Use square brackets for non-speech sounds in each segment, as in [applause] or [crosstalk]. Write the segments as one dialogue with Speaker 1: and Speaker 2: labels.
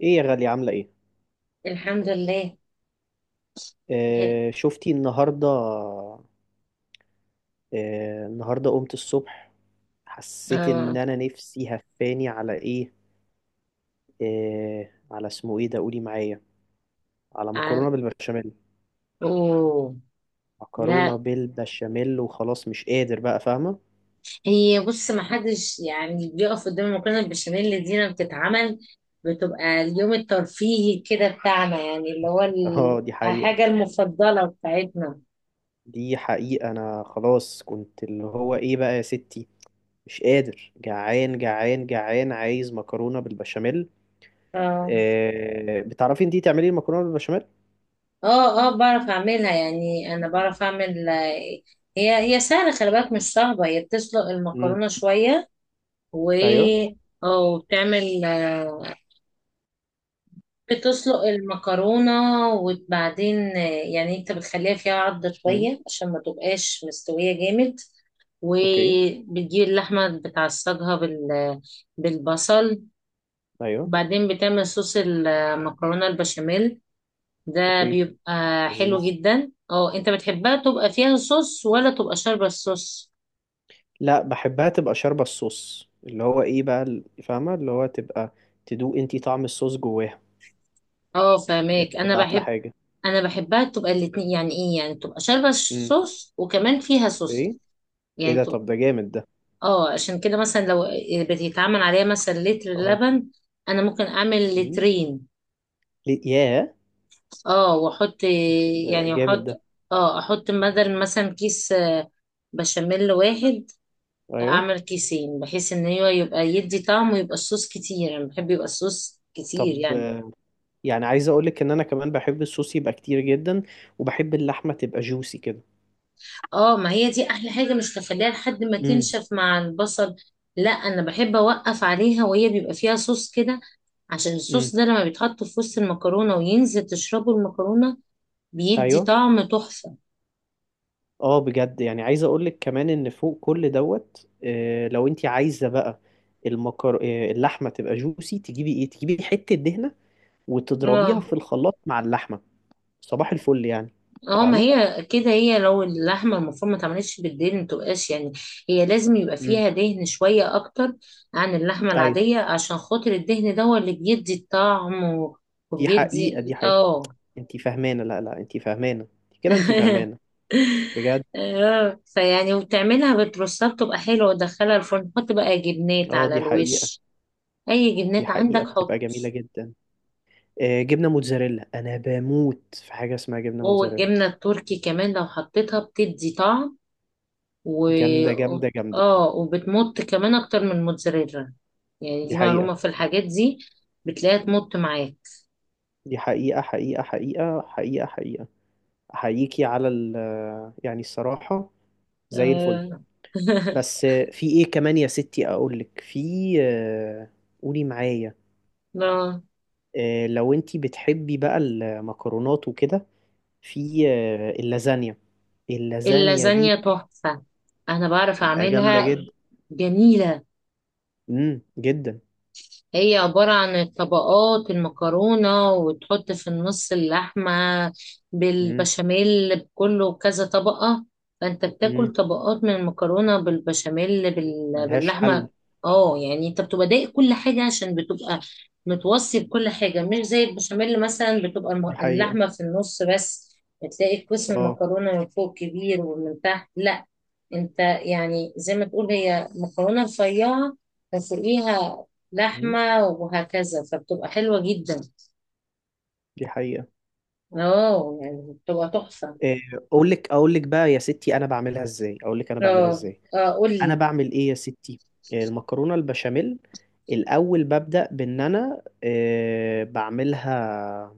Speaker 1: ايه يا غالية، عاملة ايه؟
Speaker 2: الحمد لله.
Speaker 1: شفتي النهاردة. النهاردة قمت الصبح، حسيت ان
Speaker 2: اه
Speaker 1: انا نفسي هفاني على ايه؟ على اسمه ايه ده، قولي معايا على
Speaker 2: ع-
Speaker 1: مكرونة بالبشاميل.
Speaker 2: اوه.
Speaker 1: مكرونة
Speaker 2: لا،
Speaker 1: بالبشاميل وخلاص مش قادر بقى، فاهمة؟
Speaker 2: هي بص، ما حدش يعني بيقف قدام المكرونه البشاميل اللي دينا بتتعمل، بتبقى اليوم الترفيهي كده بتاعنا، يعني اللي هو
Speaker 1: [laughs] اه، دي حقيقة.
Speaker 2: الحاجه المفضله بتاعتنا.
Speaker 1: دي حقيقة، انا خلاص كنت اللي هو ايه بقى يا ستي، مش قادر، جعان جعان جعان، عايز مكرونة بالبشاميل.
Speaker 2: اه
Speaker 1: بتعرفي انتي تعملي المكرونة بالبشاميل؟
Speaker 2: اه، اه بعرف اعملها، يعني انا بعرف اعمل. هي سهله، خلي بالك مش صعبه، هي بتسلق
Speaker 1: امم،
Speaker 2: المكرونه شويه و
Speaker 1: ايوه.
Speaker 2: اه وبتعمل، بتسلق المكرونة، وبعدين يعني انت بتخليها فيها عضة شوية عشان ما تبقاش مستوية جامد،
Speaker 1: اوكي.
Speaker 2: وبتجيب اللحمة بتعصجها بالبصل،
Speaker 1: ايوه.
Speaker 2: وبعدين بتعمل صوص المكرونة البشاميل، ده
Speaker 1: اوكي.
Speaker 2: بيبقى حلو
Speaker 1: لذيذ.
Speaker 2: جدا. اه، انت بتحبها تبقى فيها صوص ولا تبقى شاربة الصوص؟
Speaker 1: لا، بحبها تبقى شاربة الصوص، اللي هو ايه بقى فاهمة، اللي هو تبقى تدوق انتي طعم الصوص جواها.
Speaker 2: اه
Speaker 1: دي
Speaker 2: فاهمك، انا
Speaker 1: بتبقى احلى
Speaker 2: بحب،
Speaker 1: حاجة.
Speaker 2: انا بحبها تبقى الاتنين، يعني ايه، يعني تبقى شاربة
Speaker 1: امم،
Speaker 2: الصوص وكمان فيها صوص
Speaker 1: اوكي. ايه
Speaker 2: يعني.
Speaker 1: ده، طب ده جامد ده.
Speaker 2: اه، عشان كده مثلا لو بتتعمل عليها مثلا لتر
Speaker 1: اه.
Speaker 2: لبن، انا ممكن اعمل
Speaker 1: امم
Speaker 2: لترين.
Speaker 1: ليه ياه،
Speaker 2: اه واحط
Speaker 1: ده
Speaker 2: يعني
Speaker 1: جامد
Speaker 2: احط
Speaker 1: ده.
Speaker 2: اه احط بدل مثلا كيس بشاميل واحد،
Speaker 1: ايوه.
Speaker 2: اعمل كيسين، بحيث ان هو يبقى يدي طعم ويبقى الصوص كتير، انا بحب يبقى الصوص كتير
Speaker 1: طب،
Speaker 2: يعني.
Speaker 1: يعني عايز اقولك ان انا كمان بحب الصوص يبقى كتير جدا، وبحب اللحمة تبقى جوسي كده.
Speaker 2: اه، ما هي دي احلى حاجة، مش تخليها لحد ما
Speaker 1: امم
Speaker 2: تنشف مع البصل. لا، انا بحب اوقف عليها وهي بيبقى فيها صوص كده، عشان الصوص
Speaker 1: امم
Speaker 2: ده لما بيتحط في وسط المكرونة وينزل تشربه المكرونة، بيدي
Speaker 1: ايوه.
Speaker 2: طعم تحفة.
Speaker 1: اه بجد، يعني عايز اقولك كمان ان فوق كل دوت، لو انت عايزه بقى المكر آه، اللحمه تبقى جوسي، تجيبي ايه، تجيبي حته دهنه وتضربيها
Speaker 2: اه
Speaker 1: في الخلاط مع اللحمه. صباح الفل يعني.
Speaker 2: اه، ما
Speaker 1: فاهمه.
Speaker 2: هي كده، هي لو اللحمة المفرومة ما اتعملتش بالدهن، متبقاش يعني، هي لازم يبقى
Speaker 1: امم،
Speaker 2: فيها دهن شوية أكتر عن اللحمة
Speaker 1: ايوه.
Speaker 2: العادية، عشان خاطر الدهن ده هو اللي بيدي الطعم، و-
Speaker 1: دي حقيقه،
Speaker 2: وبيدي
Speaker 1: دي حقيقه.
Speaker 2: اه
Speaker 1: انت فاهمانه، لا لا، انت فاهمانه كده، انت فاهمانه.
Speaker 2: [laughs]
Speaker 1: بجد.
Speaker 2: اه، فيعني وبتعملها بترصها، بتبقى حلوة، وتدخلها الفرن، حط بقى جبنات
Speaker 1: اه
Speaker 2: على
Speaker 1: دي حقيقه.
Speaker 2: الوش، أي
Speaker 1: دي
Speaker 2: جبنات عندك
Speaker 1: حقيقه
Speaker 2: حط.
Speaker 1: بتبقى جميله جدا. جبنه موتزاريلا، انا بموت في حاجه اسمها جبنه
Speaker 2: جوه،
Speaker 1: موتزاريلا.
Speaker 2: الجبنة التركي كمان لو حطيتها بتدي طعم، و
Speaker 1: جامده جامده جامده.
Speaker 2: اه وبتمط كمان اكتر من الموتزاريلا، يعني
Speaker 1: دي
Speaker 2: دي
Speaker 1: حقيقه.
Speaker 2: معلومة، في الحاجات دي بتلاقيها تمط معاك.
Speaker 1: دي حقيقة، حقيقة حقيقة حقيقة حقيقة. أحييكي على ال آه، يعني الصراحة، زي الفل.
Speaker 2: آه. [laughs]
Speaker 1: بس، في إيه كمان يا ستي؟ أقولك في، آه، قولي معايا.
Speaker 2: آه.
Speaker 1: لو أنتي بتحبي بقى المكرونات وكده، في اللازانيا. اللازانيا دي
Speaker 2: اللازانيا تحفة، انا بعرف
Speaker 1: بتبقى جامدة
Speaker 2: اعملها،
Speaker 1: جدا.
Speaker 2: جميلة.
Speaker 1: جدا.
Speaker 2: هي عبارة عن طبقات المكرونة، وتحط في النص اللحمة
Speaker 1: امم
Speaker 2: بالبشاميل، بكله كذا طبقة، فأنت
Speaker 1: امم
Speaker 2: بتاكل طبقات من المكرونة بالبشاميل
Speaker 1: ملهاش
Speaker 2: باللحمة.
Speaker 1: حل.
Speaker 2: اه، يعني انت بتبقى دايق كل حاجة عشان بتبقى متوصي بكل حاجة، مش زي البشاميل مثلا بتبقى
Speaker 1: دي حقيقة،
Speaker 2: اللحمة في النص بس، بتلاقي قسم
Speaker 1: اه.
Speaker 2: المكرونة من فوق كبير ومن تحت لا، انت يعني زي ما تقول هي مكرونة رفيعة، فوقيها
Speaker 1: امم
Speaker 2: لحمة، وهكذا، فبتبقى حلوة جدا.
Speaker 1: دي حقيقة.
Speaker 2: اه يعني بتبقى تحفة.
Speaker 1: آه، أقولك أقولك بقى يا ستي أنا بعملها إزاي، أقولك أنا بعملها
Speaker 2: اه
Speaker 1: إزاي.
Speaker 2: اه
Speaker 1: انا
Speaker 2: قولي.
Speaker 1: بعمل ايه يا ستي، المكرونه البشاميل. الاول ببدا بان انا، بعملها،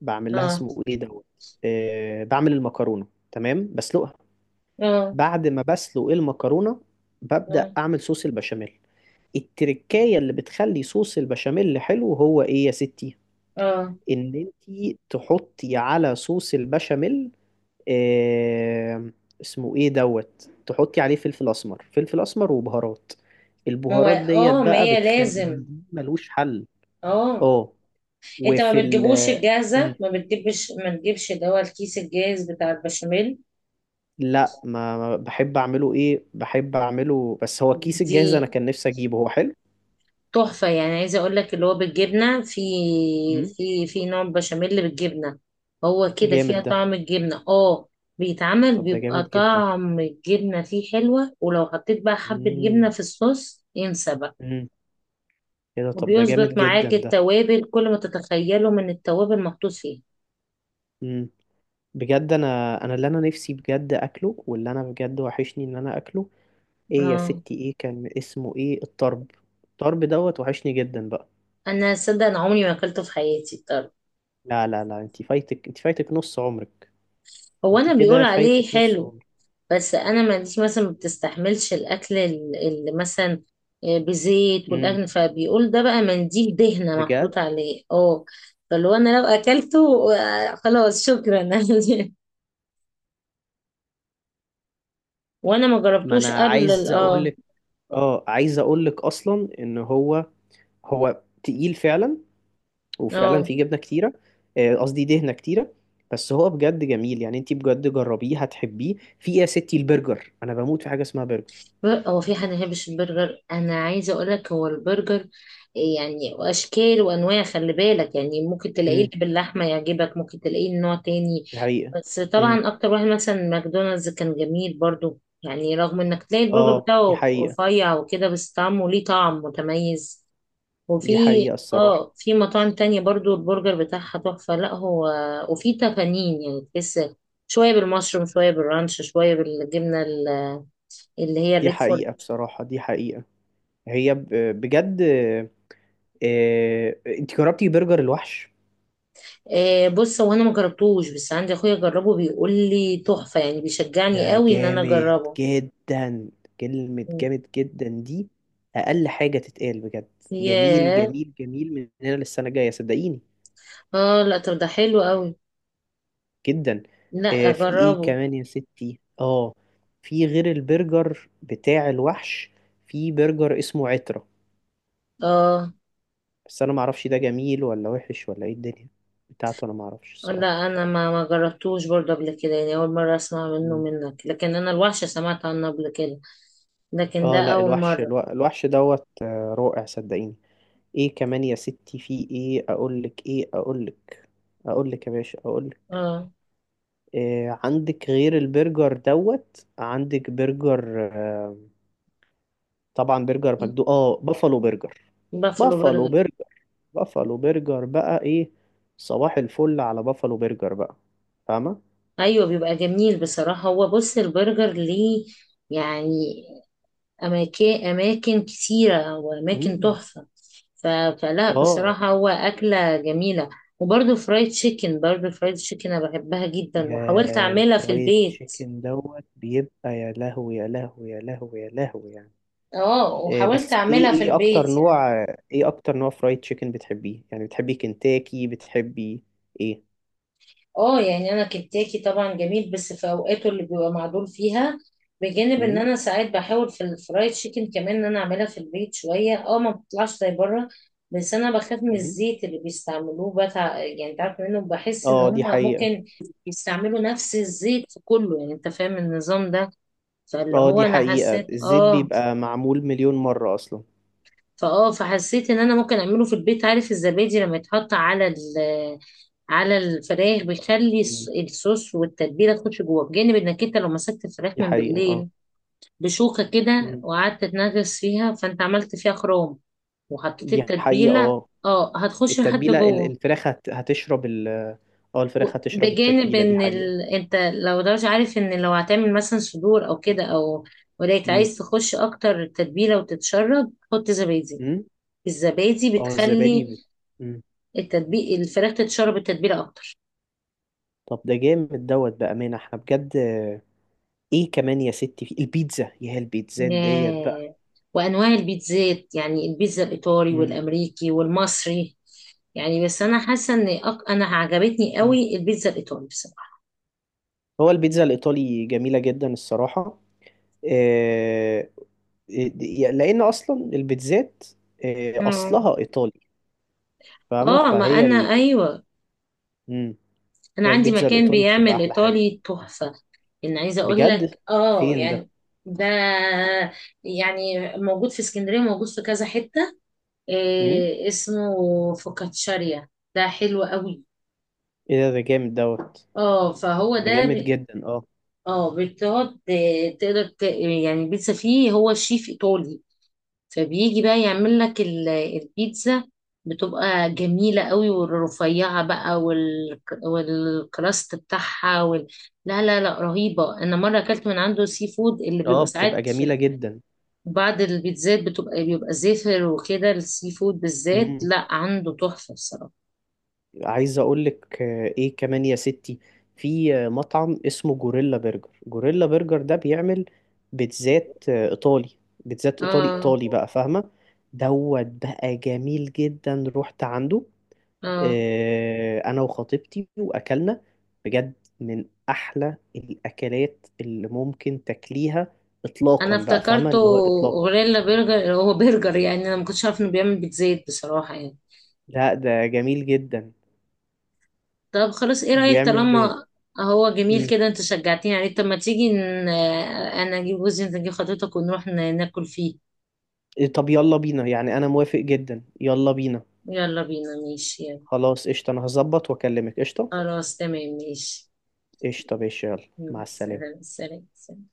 Speaker 1: بعمل لها
Speaker 2: اه
Speaker 1: اسمه ايه دوت. بعمل المكرونه، تمام، بسلقها.
Speaker 2: اه
Speaker 1: بعد ما بسلق المكرونه،
Speaker 2: اه
Speaker 1: ببدا اعمل صوص البشاميل. التركايه اللي بتخلي صوص البشاميل حلو هو ايه يا ستي؟
Speaker 2: اه.
Speaker 1: ان انتي تحطي على صوص البشاميل، آه، اسمه ايه دوت، تحطي عليه فلفل اسمر، فلفل اسمر وبهارات. البهارات ديت
Speaker 2: ما
Speaker 1: بقى
Speaker 2: هي
Speaker 1: بتخليه
Speaker 2: لازم.
Speaker 1: ملوش حل.
Speaker 2: اه،
Speaker 1: اه.
Speaker 2: انت
Speaker 1: وفي
Speaker 2: ما
Speaker 1: ال
Speaker 2: بتجيبوش
Speaker 1: آه، مم.
Speaker 2: الجاهزة؟ ما تجيبش اللي هو الكيس الجاهز بتاع البشاميل.
Speaker 1: لا، بحب اعمله ايه، بحب اعمله، بس هو الكيس
Speaker 2: دي
Speaker 1: الجاهز انا كان نفسي اجيبه، هو حلو.
Speaker 2: تحفة، يعني عايزة اقول لك اللي هو بالجبنة، في
Speaker 1: مم.
Speaker 2: في في نوع بشاميل بالجبنة، هو كده فيها
Speaker 1: جامد ده.
Speaker 2: طعم الجبنة. اه، بيتعمل،
Speaker 1: طب ده
Speaker 2: بيبقى
Speaker 1: جامد جدا.
Speaker 2: طعم الجبنة فيه حلوة، ولو حطيت بقى حبة جبنة
Speaker 1: مم.
Speaker 2: في الصوص، انسى بقى،
Speaker 1: مم. ايه ده، طب ده
Speaker 2: وبيظبط
Speaker 1: جامد جدا
Speaker 2: معاك
Speaker 1: ده.
Speaker 2: التوابل، كل ما تتخيله من التوابل محطوط فيه.
Speaker 1: مم. بجد، انا، انا اللي انا نفسي بجد اكله، واللي انا بجد وحشني ان انا اكله. ايه يا
Speaker 2: اه،
Speaker 1: ستي، ايه كان اسمه ايه الطرب، الطرب دوت وحشني جدا بقى.
Speaker 2: انا صدق انا عمري ما اكلته في حياتي. طب
Speaker 1: لا لا لا، انت فايتك، انت فايتك نص عمرك.
Speaker 2: هو
Speaker 1: انت
Speaker 2: انا بيقول
Speaker 1: كده فايتك
Speaker 2: عليه
Speaker 1: نص
Speaker 2: حلو،
Speaker 1: عمرك.
Speaker 2: بس انا ما عنديش مثلا، ما بتستحملش الاكل اللي مثلا بزيت،
Speaker 1: امم.
Speaker 2: والاكل فبيقول ده بقى منديل دهنه
Speaker 1: بجد.
Speaker 2: محطوط عليه اه. فلو انا لو اكلته، خلاص شكرا. [laughs] وانا ما
Speaker 1: ما
Speaker 2: جربتوش
Speaker 1: انا
Speaker 2: قبل ال-
Speaker 1: عايز اقول
Speaker 2: اه
Speaker 1: لك، اه عايز اقول لك اصلا ان هو، هو تقيل فعلا، وفعلا
Speaker 2: اه
Speaker 1: فيه جبنه كتيره. قصدي دهنه كتيره. بس هو بجد جميل، يعني انت بجد جربيه هتحبيه. في ايه يا ستي، البرجر، انا بموت في حاجه اسمها برجر.
Speaker 2: هو في حد ما يحبش البرجر؟ انا عايزه اقول لك، هو البرجر يعني اشكال وانواع، خلي بالك، يعني ممكن تلاقيه
Speaker 1: امم،
Speaker 2: اللي باللحمه يعجبك، ممكن تلاقيه نوع تاني.
Speaker 1: دي حقيقه.
Speaker 2: بس
Speaker 1: امم،
Speaker 2: طبعا اكتر واحد مثلا ماكدونالدز كان جميل برضو، يعني رغم انك تلاقي البرجر
Speaker 1: اه دي
Speaker 2: بتاعه
Speaker 1: حقيقه.
Speaker 2: رفيع وكده، بس طعمه ليه طعم متميز.
Speaker 1: دي
Speaker 2: وفي
Speaker 1: حقيقه الصراحه.
Speaker 2: اه في مطاعم تانية برضو البرجر بتاعها تحفة، لا هو، وفي تفانين، يعني تحس شوية بالمشروم، شوية بالرانش، شوية بالجبنة اللي هي
Speaker 1: دي
Speaker 2: الريكفورد.
Speaker 1: حقيقة، بصراحة دي حقيقة. هي ب- بجد. انت جربتي برجر الوحش؟
Speaker 2: آه بص، هو انا ما جربتوش، بس عندي اخويا جربه بيقول لي تحفة، يعني بيشجعني
Speaker 1: ده
Speaker 2: قوي ان انا
Speaker 1: جامد
Speaker 2: اجربه.
Speaker 1: جدا. كلمة جامد جدا دي أقل حاجة تتقال. بجد، جميل
Speaker 2: ياه.
Speaker 1: جميل جميل من هنا للسنة الجاية، صدقيني.
Speaker 2: اه، لا طب ده حلو قوي،
Speaker 1: جدا.
Speaker 2: لا
Speaker 1: في ايه
Speaker 2: اجربه.
Speaker 1: كمان يا ستي؟ اه. في غير البرجر بتاع الوحش، في برجر اسمه عترة.
Speaker 2: اه
Speaker 1: بس أنا معرفش ده جميل ولا وحش ولا ايه، الدنيا بتاعته أنا معرفش الصراحة.
Speaker 2: لا، انا ما جربتوش برضه قبل كده، يعني اول مره اسمع منك، لكن انا الوحشه سمعت عنه قبل كده، لكن ده
Speaker 1: اه لا،
Speaker 2: اول مره.
Speaker 1: الوحش دوت رائع، صدقيني. ايه كمان يا ستي، في ايه اقولك، ايه اقولك، اقولك يا باشا اقولك.
Speaker 2: اه،
Speaker 1: إيه عندك غير البرجر دوت؟ عندك برجر، طبعا برجر مجدو، اه بافالو برجر.
Speaker 2: بافلو
Speaker 1: بافالو
Speaker 2: برجر.
Speaker 1: برجر. بافالو برجر بقى ايه. صباح الفل على بافالو برجر بقى، فاهمة.
Speaker 2: ايوه، بيبقى جميل بصراحه، هو بص البرجر ليه يعني اماكن، اماكن كتيره واماكن
Speaker 1: امم.
Speaker 2: تحفه، ف... فلا
Speaker 1: اه.
Speaker 2: بصراحه هو اكله جميله. وبرضه فرايد تشيكن، انا بحبها جدا وحاولت
Speaker 1: يا،
Speaker 2: اعملها في
Speaker 1: الفرايد
Speaker 2: البيت،
Speaker 1: تشيكن دوت بيبقى يا لهوي يا لهوي يا لهوي يا لهوي يعني.
Speaker 2: اه وحاولت
Speaker 1: بس ايه،
Speaker 2: اعملها في
Speaker 1: ايه اكتر
Speaker 2: البيت يعني.
Speaker 1: نوع، ايه اكتر نوع فرايد تشيكن بتحبيه؟ يعني بتحبي كنتاكي، بتحبي ايه؟
Speaker 2: اه يعني، انا كنتاكي طبعا جميل، بس في اوقاته اللي بيبقى معدول فيها، بجانب ان
Speaker 1: امم
Speaker 2: انا ساعات بحاول في الفرايد تشيكن كمان ان انا اعملها في البيت شويه، اه ما بتطلعش زي بره، بس انا بخاف من
Speaker 1: امم
Speaker 2: الزيت اللي بيستعملوه بتاع، يعني انت عارف منه، بحس ان
Speaker 1: اه
Speaker 2: هم
Speaker 1: دي حقيقة.
Speaker 2: ممكن يستعملوا نفس الزيت في كله، يعني انت فاهم النظام ده. فاللي
Speaker 1: اه
Speaker 2: هو
Speaker 1: دي
Speaker 2: انا
Speaker 1: حقيقة،
Speaker 2: حسيت
Speaker 1: الزيت
Speaker 2: اه
Speaker 1: بيبقى معمول مليون مرة اصلا.
Speaker 2: فاه فحسيت ان انا ممكن اعمله في البيت. عارف الزبادي لما يتحط على ال على الفراخ بيخلي
Speaker 1: مم.
Speaker 2: الصوص والتتبيله تخش جوه، بجانب انك انت لو مسكت الفراخ
Speaker 1: دي
Speaker 2: من
Speaker 1: حقيقة، اه.
Speaker 2: بالليل بشوكه كده،
Speaker 1: مم.
Speaker 2: وقعدت تنغص فيها، فانت عملت فيها خروم، وحطيت
Speaker 1: دي حقيقة،
Speaker 2: التتبيله،
Speaker 1: اه.
Speaker 2: اه هتخش لحد
Speaker 1: التتبيلة ال-
Speaker 2: جوه.
Speaker 1: الفراخ هت- هتشرب ال اه الفراخ هتشرب
Speaker 2: بجانب
Speaker 1: التتبيلة، دي
Speaker 2: ان
Speaker 1: حقيقة.
Speaker 2: انت لو، ده مش عارف، ان لو هتعمل مثلا صدور او كده او، ولكن
Speaker 1: مم.
Speaker 2: عايز تخش اكتر تتبيله وتتشرب، حط زبادي.
Speaker 1: مم.
Speaker 2: الزبادي
Speaker 1: اه الزبادي
Speaker 2: بتخلي
Speaker 1: مم.
Speaker 2: الفراخ تتشرب التتبيله اكتر.
Speaker 1: طب ده جامد دوت، بأمانة احنا بجد. ايه كمان يا ستي، في البيتزا يا البيتزات ديت بقى.
Speaker 2: آه، وأنواع البيتزات يعني، البيتزا الإيطالي والأمريكي والمصري، يعني بس أنا حاسة إن أنا عجبتني
Speaker 1: مم.
Speaker 2: قوي البيتزا الإيطالي بصراحة.
Speaker 1: هو البيتزا الإيطالي جميلة جدا الصراحة. آه، آه، لأن أصلا البيتزات،
Speaker 2: اه
Speaker 1: أصلها إيطالي. فاهمة،
Speaker 2: آه، ما أنا أيوة،
Speaker 1: مم.
Speaker 2: أنا
Speaker 1: هي
Speaker 2: عندي
Speaker 1: البيتزا
Speaker 2: مكان
Speaker 1: الإيطالي بتبقى
Speaker 2: بيعمل
Speaker 1: أحلى حاجة.
Speaker 2: إيطالي تحفة، إن عايزة أقول
Speaker 1: بجد.
Speaker 2: لك آه
Speaker 1: فين ده؟
Speaker 2: يعني، ده يعني موجود في اسكندرية، موجود في كذا حتة،
Speaker 1: مم؟
Speaker 2: اسمه فوكاتشاريا، ده حلو قوي.
Speaker 1: إيه ده، ده جامد دوت.
Speaker 2: اه فهو
Speaker 1: ده جامد
Speaker 2: ده.
Speaker 1: جدا، اه.
Speaker 2: اه، بتقعد، تقدر يعني البيتزا فيه، هو شيف ايطالي، فبيجي بقى يعمل لك البيتزا، بتبقى جميلة قوي، والرفيعة بقى والكراست بتاعها. لا لا لا، رهيبة. انا مرة اكلت من عنده سي فود، اللي
Speaker 1: اه
Speaker 2: بيبقى
Speaker 1: بتبقى
Speaker 2: ساعات في
Speaker 1: جميلة جدا.
Speaker 2: بعض البيتزات بيبقى زفر وكده، السي فود بالذات
Speaker 1: مم.
Speaker 2: لا، عنده تحفة بصراحة.
Speaker 1: عايز اقول لك، ايه كمان يا ستي، في مطعم اسمه جوريلا برجر. جوريلا برجر ده بيعمل بيتزات ايطالي، بيتزات ايطالي
Speaker 2: اه
Speaker 1: ايطالي بقى، فاهمه. دوت بقى جميل جدا، رحت عنده،
Speaker 2: اه،
Speaker 1: انا وخطيبتي واكلنا. بجد من احلى الاكلات اللي ممكن تاكليها
Speaker 2: انا
Speaker 1: اطلاقا بقى، فاهمه
Speaker 2: افتكرته،
Speaker 1: اللي هو اطلاقا.
Speaker 2: غوريلا برجر، هو برجر، يعني انا ما كنتش عارف انه بيعمل بيتزا بصراحة يعني.
Speaker 1: لا ده جميل جدا.
Speaker 2: طب خلاص، ايه رأيك؟
Speaker 1: بيعمل ب...
Speaker 2: طالما هو جميل
Speaker 1: مم.
Speaker 2: كده، انت شجعتني عليه، طب ما تيجي انا اجيب جوزي، انت تجيب خطيبتك، ونروح ناكل فيه.
Speaker 1: إيه، طب يلا بينا يعني، انا موافق جدا، يلا بينا.
Speaker 2: يلا بينا ماشي، يلا.
Speaker 1: خلاص، قشطة. أنا هظبط وأكلمك. قشطة.
Speaker 2: خلاص تمام ماشي.
Speaker 1: قشطة ماشي، يلا، مع
Speaker 2: سلام
Speaker 1: السلامة.
Speaker 2: سلام سلام.